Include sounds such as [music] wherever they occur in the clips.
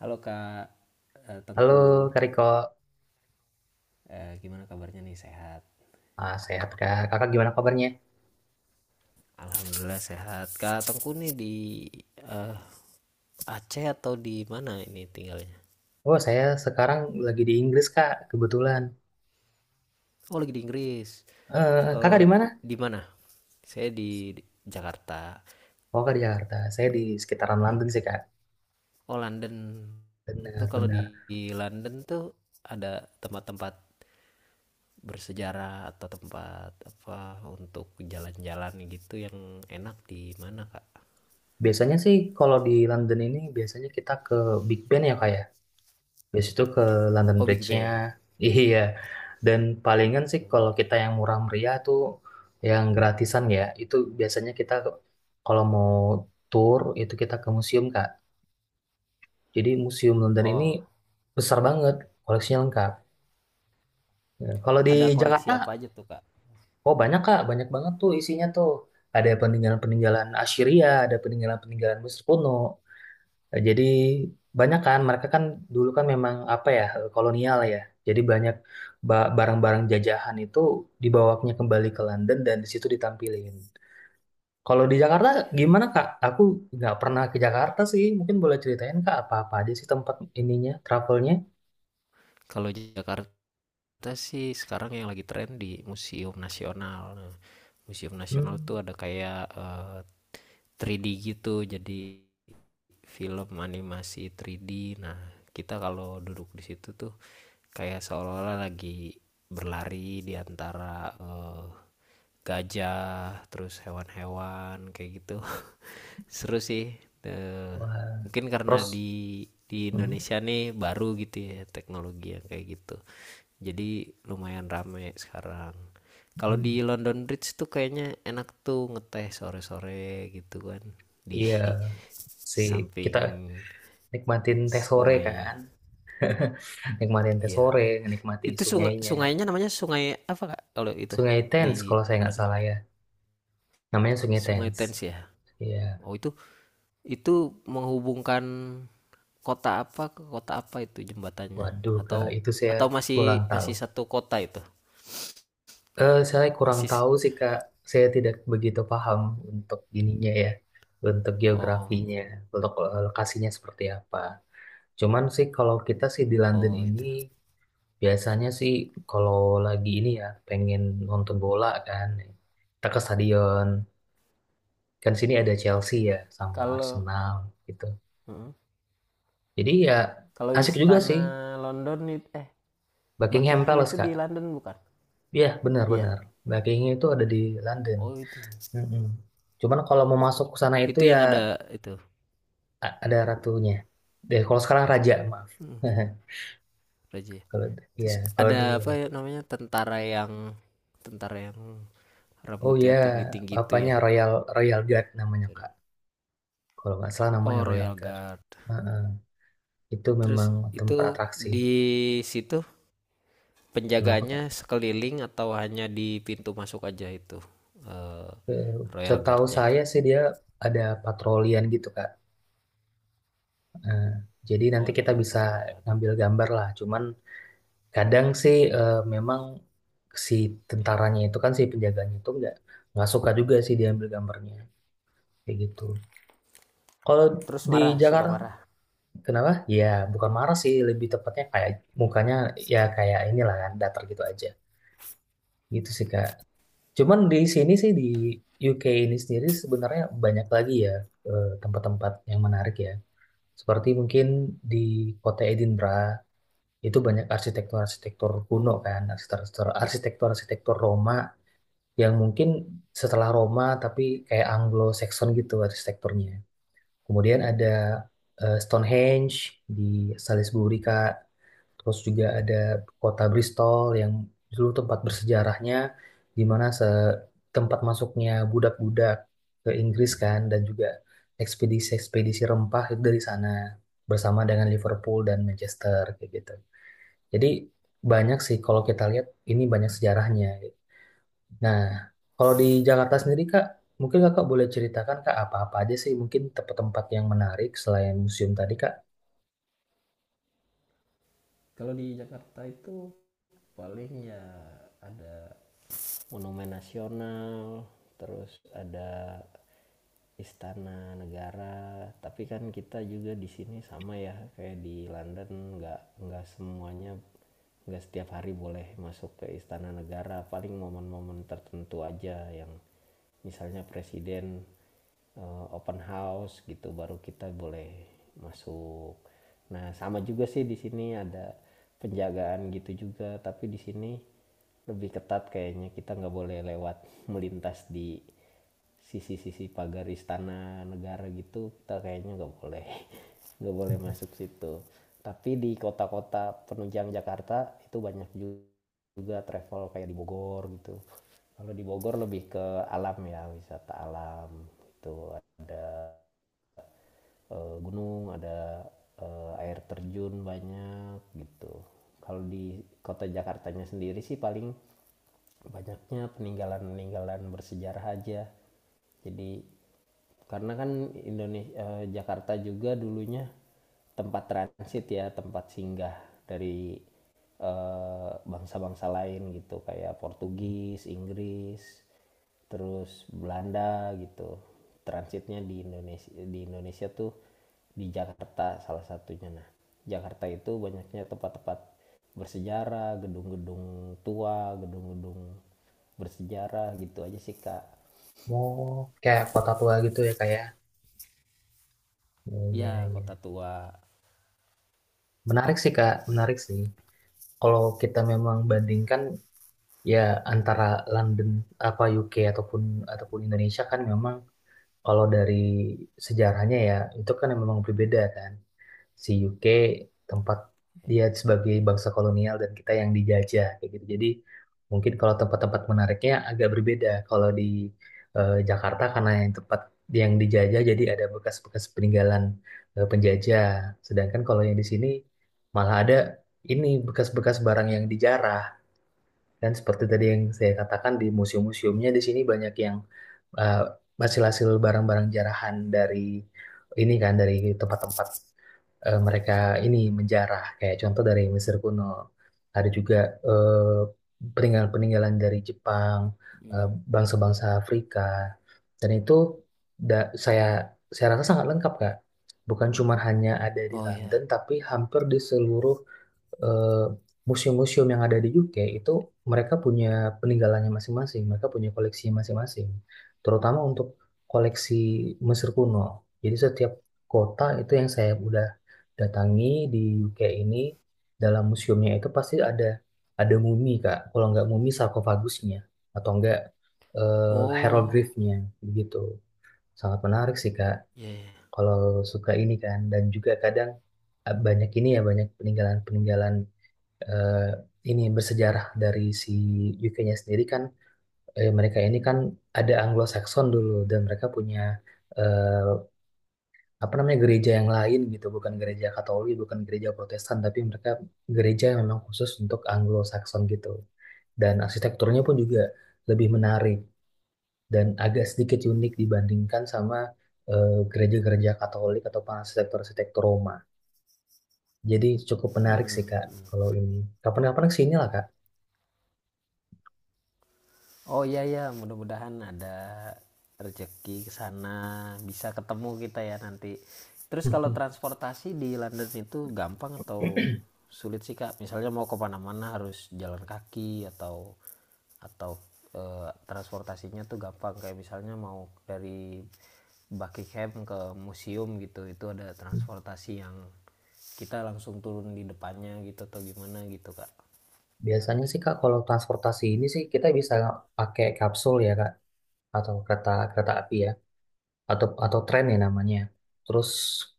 Halo Kak Halo Tengku. Kak Riko, Eh, gimana kabarnya nih? Sehat? Sehat Kak. Kakak gimana kabarnya? Alhamdulillah sehat. Kak Tengku nih di eh, Aceh atau di mana ini tinggalnya? Oh saya sekarang lagi di Inggris Kak, kebetulan. Oh lagi di Inggris. Kakak Eh, di mana? di mana? Saya di Jakarta. Oh Kak di Jakarta. Saya di sekitaran London sih Kak. Oh London. Tuh kalau Benar-benar. Di London tuh ada tempat-tempat bersejarah atau tempat apa untuk jalan-jalan gitu yang enak di mana Kak? Biasanya sih kalau di London ini biasanya kita ke Big Ben ya Kak ya. Biasa itu ke London Oh Big Bridge-nya. Bang. [laughs] Iya. Dan palingan sih kalau kita yang murah meriah tuh yang gratisan ya. Itu biasanya kita kalau mau tour itu kita ke museum Kak. Jadi Museum London ini Oh, besar banget, koleksinya lengkap. Ya, kalau di ada koleksi Jakarta, apa aja tuh Kak? oh banyak Kak, banyak banget tuh isinya tuh. Ada peninggalan-peninggalan Assyria, ada peninggalan-peninggalan Mesir kuno. Jadi banyak kan, mereka kan dulu kan memang apa ya, kolonial ya. Jadi banyak barang-barang jajahan itu dibawanya kembali ke London dan di situ ditampilin. Kalau di Jakarta gimana Kak? Aku nggak pernah ke Jakarta sih. Mungkin boleh ceritain Kak apa-apa aja sih tempat ininya, travelnya? Kalau Jakarta sih sekarang yang lagi tren di Museum Nasional. Nah, Museum Nasional Hmm. tuh ada kayak 3D gitu, jadi film animasi 3D. Nah, kita kalau duduk di situ tuh kayak seolah-olah lagi berlari di antara gajah, terus hewan-hewan kayak gitu. [laughs] Seru sih. Eh, Wah, mungkin karena terus di hmm, Indonesia nih baru gitu ya teknologi yang kayak gitu. Jadi lumayan rame sekarang. Kalau hmm, di London Bridge tuh kayaknya enak tuh ngeteh sore-sore gitu kan di iya [laughs] sih kita samping nikmatin teh sore sungainya. kan, nikmatin teh Iya. sore, nikmati Itu sungai sungainya, sungainya namanya sungai apa kak? Kalau itu Sungai Thames di kalau saya nggak London. salah ya, namanya Sungai Sungai Thames. Thames ya. Iya, Oh itu menghubungkan kota apa ke kota apa itu jembatannya? waduh Atau kak, itu saya atau masih kurang tahu. masih satu kota itu? Saya kurang Masih si-, tahu sih kak, saya tidak begitu paham untuk ininya ya, untuk oh geografinya, untuk lokasinya seperti apa. Cuman sih kalau kita sih di London oh ini itu. biasanya sih kalau lagi ini ya pengen nonton bola kan, kita ke stadion. Kan sini ada Chelsea ya sama Kalau Arsenal gitu. Heeh. Jadi ya Kalau asik juga sih istana London, Buckingham Buckingham Palace itu di Kak. London bukan? Iya Iya. benar-benar. Buckingham itu ada di London. Oh itu. Mm-mm. Cuman kalau mau masuk ke sana itu Itu ya yang ada itu. Ada ratunya. Deh, kalau sekarang raja, maaf. Heeh, [laughs] Raja. Kalau Terus ya kalau dulu ada apa ya ratu. namanya tentara yang Oh rambutnya ya, tinggi-tinggi itu apanya ya. Royal Royal Guard namanya Kak. Kalau nggak salah namanya Oh, Royal Royal Guard. Guard. Heeh. Itu Terus memang tempat itu atraksi. di situ Kenapa, penjaganya Kak? sekeliling atau hanya di pintu masuk aja itu eh, Eh, Royal Setahu Guardnya. saya sih dia ada patrolian gitu, Kak. Eh, jadi Oh, nanti ada kita bisa patrolian. ngambil gambar lah. Cuman kadang sih memang si tentaranya itu kan si penjaganya itu nggak suka juga sih diambil gambarnya kayak gitu. Kalau Terus di marah, suka Jakarta marah. kenapa? Ya bukan marah sih, lebih tepatnya kayak mukanya ya kayak inilah kan datar gitu aja. Gitu sih, Kak. Cuman di sini sih di UK ini sendiri sebenarnya banyak lagi ya tempat-tempat yang menarik ya. Seperti mungkin di kota Edinburgh itu banyak arsitektur-arsitektur kuno kan, Oh, arsitektur-arsitektur Roma yang mungkin setelah Roma tapi kayak Anglo-Saxon gitu arsitekturnya. Kemudian ada oh. Stonehenge di Salisbury Kak. Terus juga ada kota Bristol yang dulu tempat bersejarahnya, di mana tempat masuknya budak-budak ke Inggris kan, dan juga ekspedisi-ekspedisi rempah itu dari sana bersama dengan Liverpool dan Manchester kayak gitu. Jadi banyak sih kalau kita lihat ini banyak sejarahnya. Nah, kalau di Jakarta sendiri Kak, mungkin Kakak boleh ceritakan Kak apa-apa aja sih mungkin tempat-tempat yang menarik selain museum tadi Kak. Kalau di Jakarta itu paling ya ada monumen nasional, terus ada istana negara. Tapi kan kita juga di sini sama ya kayak di London, nggak semuanya, nggak setiap hari boleh masuk ke istana negara, paling momen-momen tertentu aja yang misalnya presiden open house gitu baru kita boleh masuk. Nah sama juga sih di sini ada penjagaan gitu juga, tapi di sini lebih ketat kayaknya, kita nggak boleh lewat [laughs] melintas di sisi-sisi pagar istana negara gitu, kita kayaknya nggak boleh [laughs] nggak boleh masuk situ. Tapi di kota-kota penunjang Jakarta itu banyak juga travel kayak di Bogor gitu, kalau di Bogor lebih ke alam ya, wisata alam, itu gunung ada air terjun banyak gitu. Kalau di kota Jakartanya sendiri sih paling banyaknya peninggalan-peninggalan bersejarah aja. Jadi karena kan Indonesia Jakarta juga dulunya tempat transit ya, tempat singgah dari bangsa-bangsa lain gitu kayak Portugis, Inggris, terus Belanda gitu, transitnya di Indonesia, di Indonesia tuh di Jakarta salah satunya. Nah Jakarta itu banyaknya tempat-tempat bersejarah, gedung-gedung tua, gedung-gedung bersejarah gitu aja sih kak. Mau kayak kota tua gitu ya kayak iya, iya, Ya iya. kota tua. Menarik sih, Kak. Menarik sih. Kalau kita memang bandingkan ya antara London apa UK ataupun ataupun Indonesia kan memang kalau dari sejarahnya ya itu kan memang berbeda kan. Si UK tempat dia sebagai bangsa kolonial dan kita yang dijajah kayak gitu. Jadi mungkin kalau tempat-tempat menariknya agak berbeda. Kalau di Jakarta karena yang tempat yang dijajah jadi ada bekas-bekas peninggalan penjajah. Sedangkan kalau yang di sini malah ada ini bekas-bekas barang yang dijarah. Dan seperti tadi yang saya katakan di museum-museumnya di sini banyak yang eh, hasil-hasil barang-barang jarahan dari ini kan dari tempat-tempat mereka ini menjarah kayak contoh dari Mesir kuno, ada juga eh, peninggalan-peninggalan dari Jepang, eh, Hmm. bangsa-bangsa Afrika, dan itu da- saya Iya. saya rasa sangat lengkap Kak, bukan cuma hanya ada di London tapi hampir di seluruh eh, museum-museum yang ada di UK itu mereka punya peninggalannya masing-masing, mereka punya koleksi masing-masing, terutama untuk koleksi Mesir kuno. Jadi setiap kota itu yang saya udah datangi di UK ini dalam museumnya itu pasti ada mumi Kak. Kalau nggak mumi sarkofagusnya atau enggak Oh, hieroglifnya begitu. Sangat menarik sih Kak. iya iya. Kalau suka ini kan dan juga kadang banyak ini ya banyak peninggalan-peninggalan eh, ini bersejarah dari si UK-nya sendiri kan, mereka ini kan ada Anglo-Saxon dulu dan mereka punya eh, apa namanya gereja yang lain gitu, bukan gereja Katolik bukan gereja Protestan, tapi mereka gereja yang memang khusus untuk Anglo-Saxon gitu. Dan arsitekturnya pun juga lebih menarik dan agak sedikit unik dibandingkan sama gereja-gereja Katolik atau arsitektur-arsitektur Roma. Jadi cukup menarik sih Mhm Kak, mhm. kalau ini kapan-kapan kesini lah Kak. Oh, iya ya, mudah-mudahan ada rezeki ke sana, bisa ketemu kita ya nanti. Terus kalau [laughs] transportasi di London itu gampang atau sulit sih, Kak? Misalnya mau ke mana-mana harus jalan kaki atau transportasinya tuh gampang, kayak misalnya mau dari Buckingham ke museum gitu, itu ada transportasi yang kita langsung turun di depannya gitu atau gimana gitu, Kak? Biasanya sih Kak, kalau transportasi ini sih kita bisa pakai kapsul ya Kak, atau kereta kereta api ya, atau tren ya namanya. Terus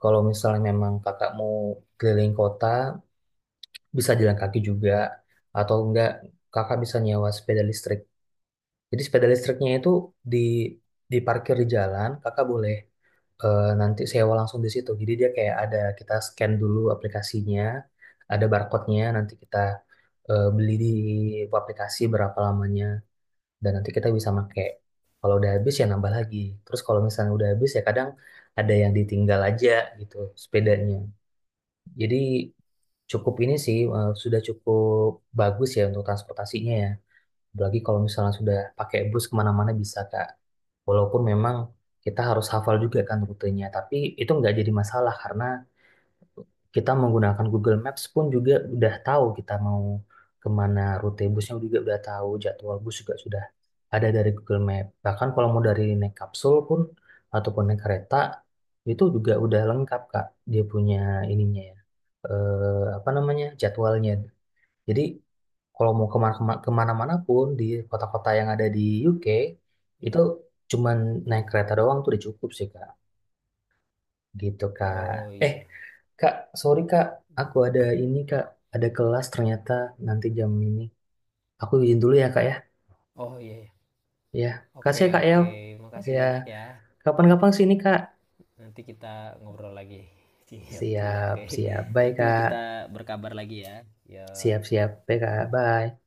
kalau misalnya memang kakak mau keliling kota, bisa jalan kaki juga atau enggak kakak bisa nyewa sepeda listrik. Jadi sepeda listriknya itu di diparkir di jalan, kakak boleh nanti sewa langsung di situ. Jadi dia kayak ada kita scan dulu aplikasinya, ada barcode-nya, nanti kita beli di aplikasi berapa lamanya dan nanti kita bisa pakai. Kalau udah habis ya nambah lagi. Terus kalau misalnya udah habis ya kadang ada yang ditinggal aja gitu sepedanya. Jadi cukup ini sih sudah cukup bagus ya untuk transportasinya ya. Apalagi kalau misalnya sudah pakai bus kemana-mana bisa Kak, walaupun memang kita harus hafal juga kan rutenya, tapi itu nggak jadi masalah karena kita menggunakan Google Maps pun juga udah tahu kita mau kemana, rute busnya juga udah tahu, jadwal bus juga sudah ada dari Google Map. Bahkan kalau mau dari naik kapsul pun ataupun naik kereta itu juga udah lengkap Kak, dia punya ininya ya apa namanya jadwalnya. Jadi kalau mau kemana-mana pun di kota-kota yang ada di UK itu Iya. cuman naik Mhm. kereta doang tuh udah cukup sih Kak. Gitu, Kak. Oh, Eh, iya. Kak, sorry, Kak. Aku Mhm. ada ini, Kak. Ada kelas ternyata nanti jam ini. Aku izin dulu ya, Kak, ya. Oh, iya ya. Ya. Kasih, Oke ya, Kak, ya. oke, makasih Ya. banyak ya. Kapan-kapan sini, Kak. Nanti kita ngobrol lagi. [laughs] Siap siap, Siap, oke. siap. Bye, Nanti Kak. kita berkabar lagi ya. Ya. Siap, siap. Bye, Kak. Bye.